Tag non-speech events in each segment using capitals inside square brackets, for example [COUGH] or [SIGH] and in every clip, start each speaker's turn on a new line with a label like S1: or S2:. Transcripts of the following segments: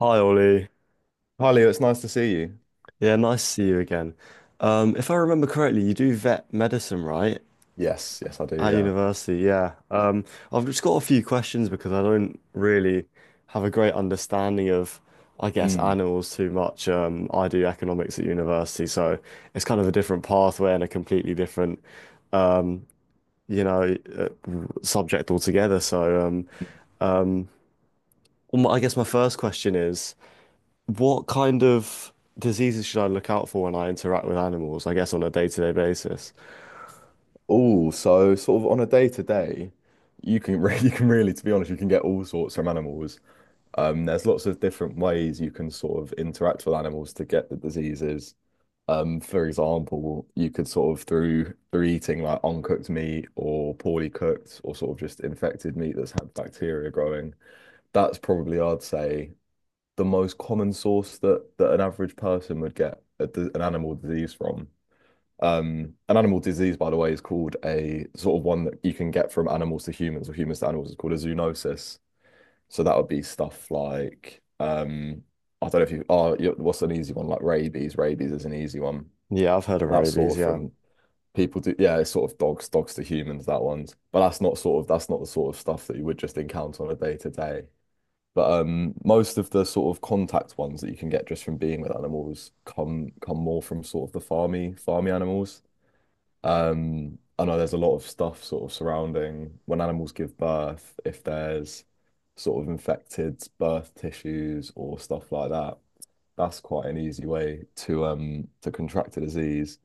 S1: Hi, Ollie.
S2: Hi Leo, it's nice to see you.
S1: Yeah, nice to see you again. If I remember correctly, you do vet medicine, right?
S2: Yes, yes, I do.
S1: At
S2: Yeah.
S1: university, yeah. I've just got a few questions because I don't really have a great understanding of, I guess,
S2: Mm.
S1: animals too much. I do economics at university, so it's kind of a different pathway and a completely different, you know, uh, subject altogether. Um, I guess my first question is. What kind of diseases should I look out for when I interact with animals? I guess on a day-to-day basis.
S2: Oh, so sort of on a day to day, you can re [LAUGHS] you can really, to be honest, you can get all sorts from animals. There's lots of different ways you can sort of interact with animals to get the diseases. For example, you could sort of through eating like uncooked meat or poorly cooked or sort of just infected meat that's had bacteria growing. That's probably, I'd say, the most common source that an average person would get an animal disease from. An animal disease, by the way, is called a sort of one that you can get from animals to humans or humans to animals. It's called a zoonosis. So that would be stuff like I don't know if you are oh, yeah, what's an easy one like rabies. Rabies is an easy one.
S1: Yeah, I've heard of
S2: That's
S1: rabies.
S2: sort of
S1: Yeah.
S2: from people do yeah, it's sort of dogs to humans, that one's. But that's not sort of that's not the sort of stuff that you would just encounter on a day to day. But most of the sort of contact ones that you can get just from being with animals come more from sort of the farmy animals. I know there's a lot of stuff sort of surrounding when animals give birth, if there's sort of infected birth tissues or stuff like that. That's quite an easy way to contract a disease.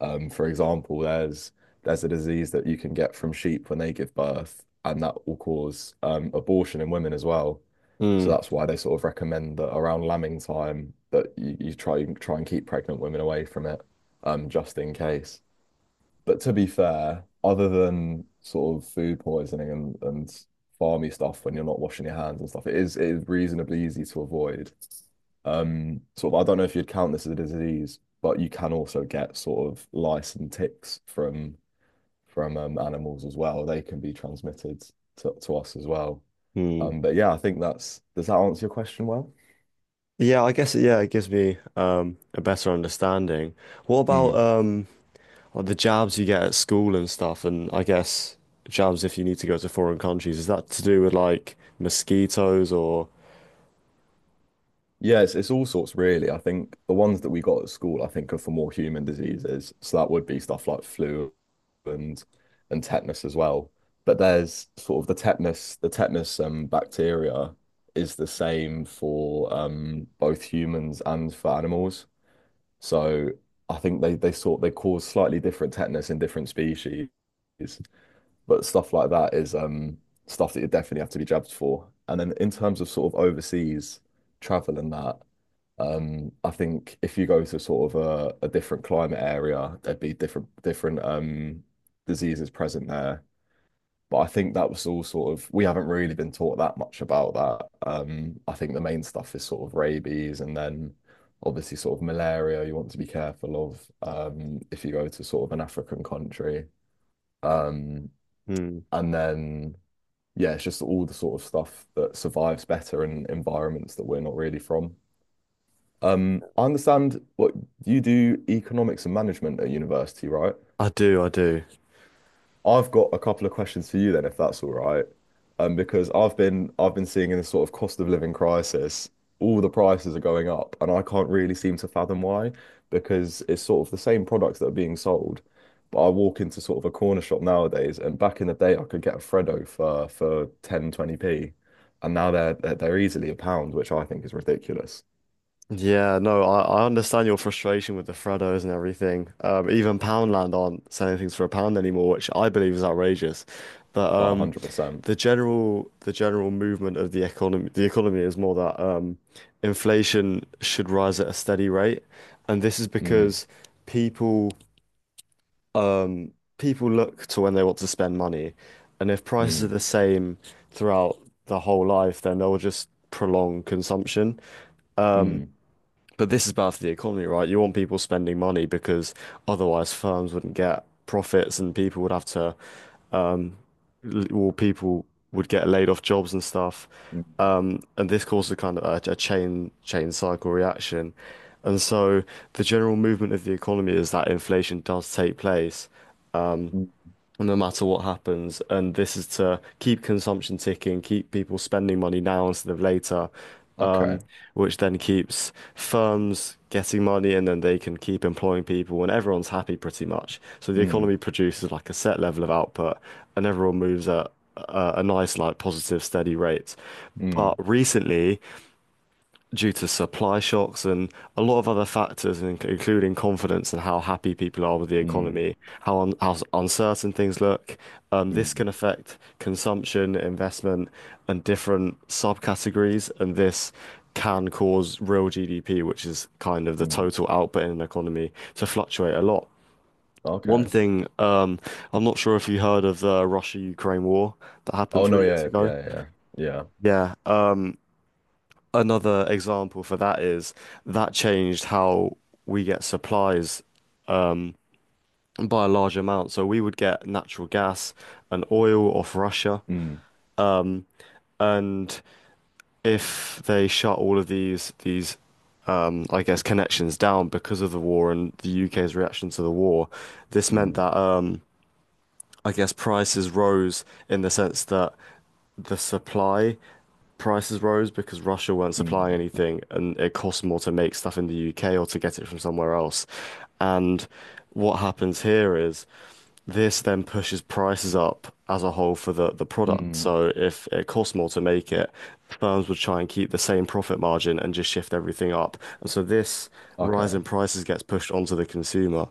S2: For example, there's a disease that you can get from sheep when they give birth, and that will cause abortion in women as well. So
S1: Mm,
S2: that's why they sort of recommend that around lambing time that you try and keep pregnant women away from it, just in case. But to be fair, other than sort of food poisoning and farmy stuff when you're not washing your hands and stuff, it is reasonably easy to avoid. Sort of, I don't know if you'd count this as a disease, but you can also get sort of lice and ticks from animals as well. They can be transmitted to us as well.
S1: mm.
S2: But yeah, I think that's, does that answer your question well?
S1: Yeah, I guess. Yeah, it gives me a better understanding. What about
S2: Mm.
S1: like the jabs you get at school and stuff? And I guess jabs if you need to go to foreign countries. Is that to do with like mosquitoes or?
S2: Yeah, it's all sorts really. I think the ones that we got at school, I think, are for more human diseases. So that would be stuff like flu and and tetanus as well. But there's sort of the tetanus bacteria is the same for both humans and for animals. So I think they sort they cause slightly different tetanus in different species. But stuff like that is stuff that you definitely have to be jabbed for. And then in terms of sort of overseas travel and that, I think if you go to sort of a different climate area, there'd be different diseases present there. But I think that was all sort of we haven't really been taught that much about that. I think the main stuff is sort of rabies and then obviously sort of malaria you want to be careful of if you go to sort of an African country. Um,
S1: Hmm.
S2: and then yeah, it's just all the sort of stuff that survives better in environments that we're not really from. I understand what you do economics and management at university, right?
S1: I do. I do.
S2: I've got a couple of questions for you then, if that's all right. Because I've been seeing in this sort of cost of living crisis, all the prices are going up, and I can't really seem to fathom why, because it's sort of the same products that are being sold. But I walk into sort of a corner shop nowadays, and back in the day I could get a Freddo for 10 20p p and now they're easily a pound, which I think is ridiculous.
S1: Yeah, no, I understand your frustration with the Freddos and everything. Even Poundland aren't selling things for a pound anymore, which I believe is outrageous. But
S2: Oh, 100%.
S1: The general movement of the economy is more that inflation should rise at a steady rate, and this is
S2: Mm,
S1: because people people look to when they want to spend money, and if prices are
S2: mm,
S1: the same throughout the whole life, then they'll just prolong consumption.
S2: mm,
S1: But this is bad for the economy, right? You want people spending money because otherwise firms wouldn't get profits and people would have to, or people would get laid off jobs and stuff.
S2: mm,
S1: And this causes a kind of a chain cycle reaction. And so the general movement of the economy is that inflation does take place
S2: mm.
S1: no matter what happens. And this is to keep consumption ticking, keep people spending money now instead of later,
S2: Okay.
S1: um, which then keeps firms getting money and then they can keep employing people and everyone's happy pretty much. So the
S2: Mm,
S1: economy produces like a set level of output and everyone moves at a nice, like positive, steady rate. But
S2: mm,
S1: recently, due to supply shocks and a lot of other factors, including confidence and how happy people are with the
S2: mm,
S1: economy, how un how s- uncertain things look.
S2: mm.
S1: This can
S2: Mm.
S1: affect consumption, investment, and different subcategories, and this can cause real GDP, which is kind of the
S2: Mm.
S1: total output in an economy, to fluctuate a lot. One
S2: Okay.
S1: thing, um, I'm not sure if you heard of the Russia-Ukraine war that happened
S2: Oh no,
S1: 3 years
S2: yeah,
S1: ago.
S2: yeah, yeah, yeah. Yeah.
S1: Yeah, another example for that is that changed how we get supplies by a large amount. So we would get natural gas and oil off Russia.
S2: Mm,
S1: And if they shut all of these I guess connections down because of the war and the UK's reaction to the war, this meant
S2: mm,
S1: that I guess prices rose in the sense that the supply prices rose because Russia weren't supplying
S2: mm,
S1: anything and it cost more to make stuff in the UK or to get it from somewhere else. And what happens here is this then pushes prices up as a whole for the product.
S2: mm.
S1: So if it costs more to make it, firms would try and keep the same profit margin and just shift everything up. And so this rise
S2: Okay.
S1: in prices gets pushed onto the consumer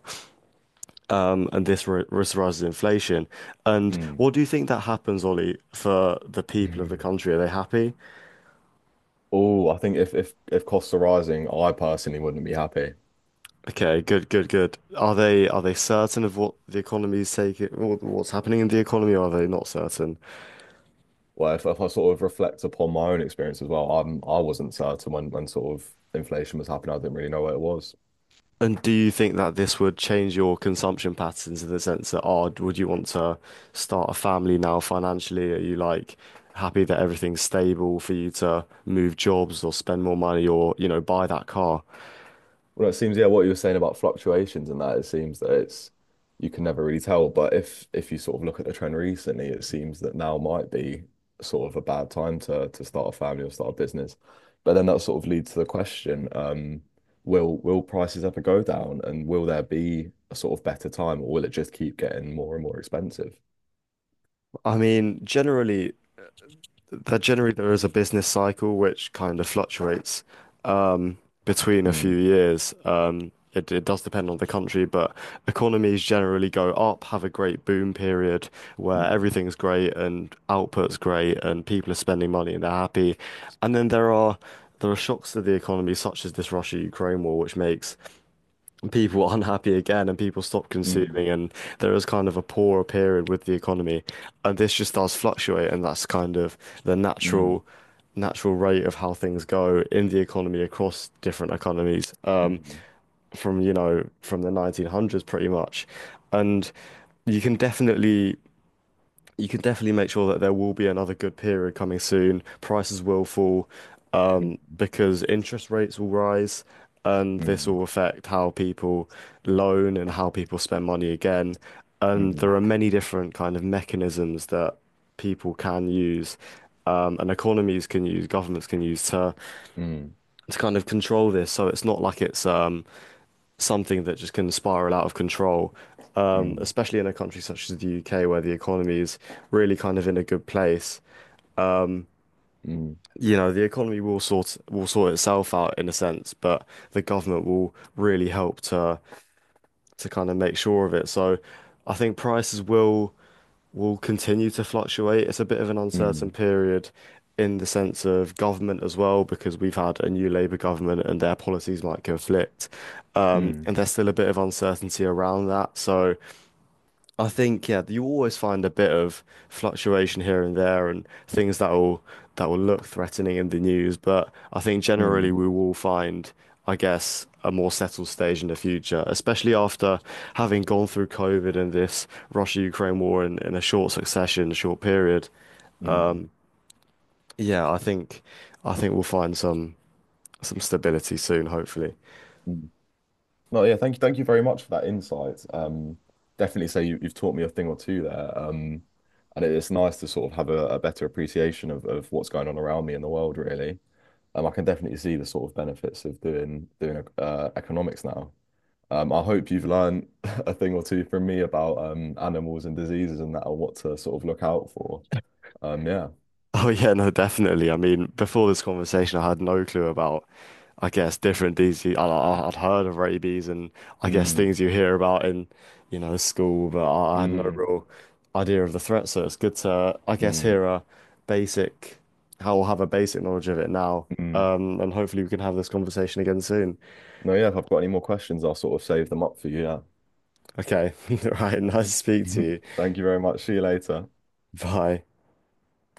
S1: and this rise inflation. And
S2: Mm.
S1: what do you think that happens, Ollie, for the
S2: [LAUGHS]
S1: people of the
S2: Mm.
S1: country? Are they happy?
S2: Oh, I think if if costs are rising, I personally wouldn't be happy.
S1: Okay, good, good, good. Are they certain of what the economy is taking, what's happening in the economy? Or are they not certain?
S2: Well, if I sort of reflect upon my own experience as well, I wasn't certain when sort of inflation was happening. I didn't really know what it was.
S1: And do you think that this would change your consumption patterns in the sense that, oh, would you want to start a family now financially? Are you like happy that everything's stable for you to move jobs or spend more money or, you know, buy that car?
S2: Well, it seems, yeah, what you were saying about fluctuations and that, it seems that it's you can never really tell. But if you sort of look at the trend recently, it seems that now might be sort of a bad time to start a family or start a business. But then that sort of leads to the question, will prices ever go down and will there be a sort of better time or will it just keep getting more and more expensive?
S1: I mean, generally, that generally there is a business cycle which kind of fluctuates um, between a few
S2: Mm,
S1: years. It does depend on the country, but economies generally go up, have a great boom period where
S2: mm,
S1: everything's great and output's great and people are spending money and they're happy. And then there are shocks to the economy, such as this Russia-Ukraine war, which makes people [LAUGHS] were unhappy again and people stopped
S2: mm,
S1: consuming and there is kind of a poorer period with the economy and this just does fluctuate and that's kind of the
S2: mm,
S1: natural rate of how things go in the economy across different economies
S2: mm,
S1: from you know from the 1900s pretty much and you can definitely you can definitely make sure that there will be another good period coming soon. Prices will fall, because interest rates will rise, and this
S2: mm,
S1: will affect how people loan and how people spend money again. And
S2: mm,
S1: there are many different kind of mechanisms that people can use, and economies can use, governments can use to
S2: mm,
S1: kind of control this. So it's not like it's something that just can spiral out of control,
S2: mm,
S1: especially in a country such as the UK where the economy is really kind of in a good place.
S2: mm,
S1: You know, the economy will sort itself out in a sense, but the government will really help to kind of make sure of it. So I think prices will continue to fluctuate. It's a bit of an uncertain
S2: mm,
S1: period in the sense of government as well, because we've had a new Labour government and their policies might conflict.
S2: mm,
S1: And there's still a bit of uncertainty around that. So I think yeah, you always find a bit of fluctuation here and there and things that will look threatening in the news, but I think
S2: mm,
S1: generally
S2: mm,
S1: we will find, I guess, a more settled stage in the future, especially after having gone through COVID and this Russia-Ukraine war in a short succession, short period.
S2: mm.
S1: Yeah, I think we'll find some stability soon, hopefully. [LAUGHS]
S2: Mm. No, yeah, thank you very much for that insight. Definitely say you've taught me a thing or two there. And it's nice to sort of have a better appreciation of what's going on around me in the world, really. I can definitely see the sort of benefits of doing doing economics now. I hope you've learned [LAUGHS] a thing or two from me about animals and diseases and that, or what to sort of look out for. Yeah.
S1: Oh yeah, no, definitely. I mean, before this conversation, I had no clue about I guess different things I'd heard of rabies and I guess
S2: Mm,
S1: things you hear about in, you know, school, but I had no
S2: mm,
S1: real idea of the threat. So it's good to, I guess,
S2: mm,
S1: hear a basic, how I'll have a basic knowledge of it now.
S2: mm.
S1: And hopefully we can have this conversation again soon.
S2: No, yeah. If I've got any more questions, I'll sort of save them up for you. Yeah.
S1: Okay. [LAUGHS] Right. Nice to speak to
S2: [LAUGHS]
S1: you.
S2: Thank you very much. See you later.
S1: Bye.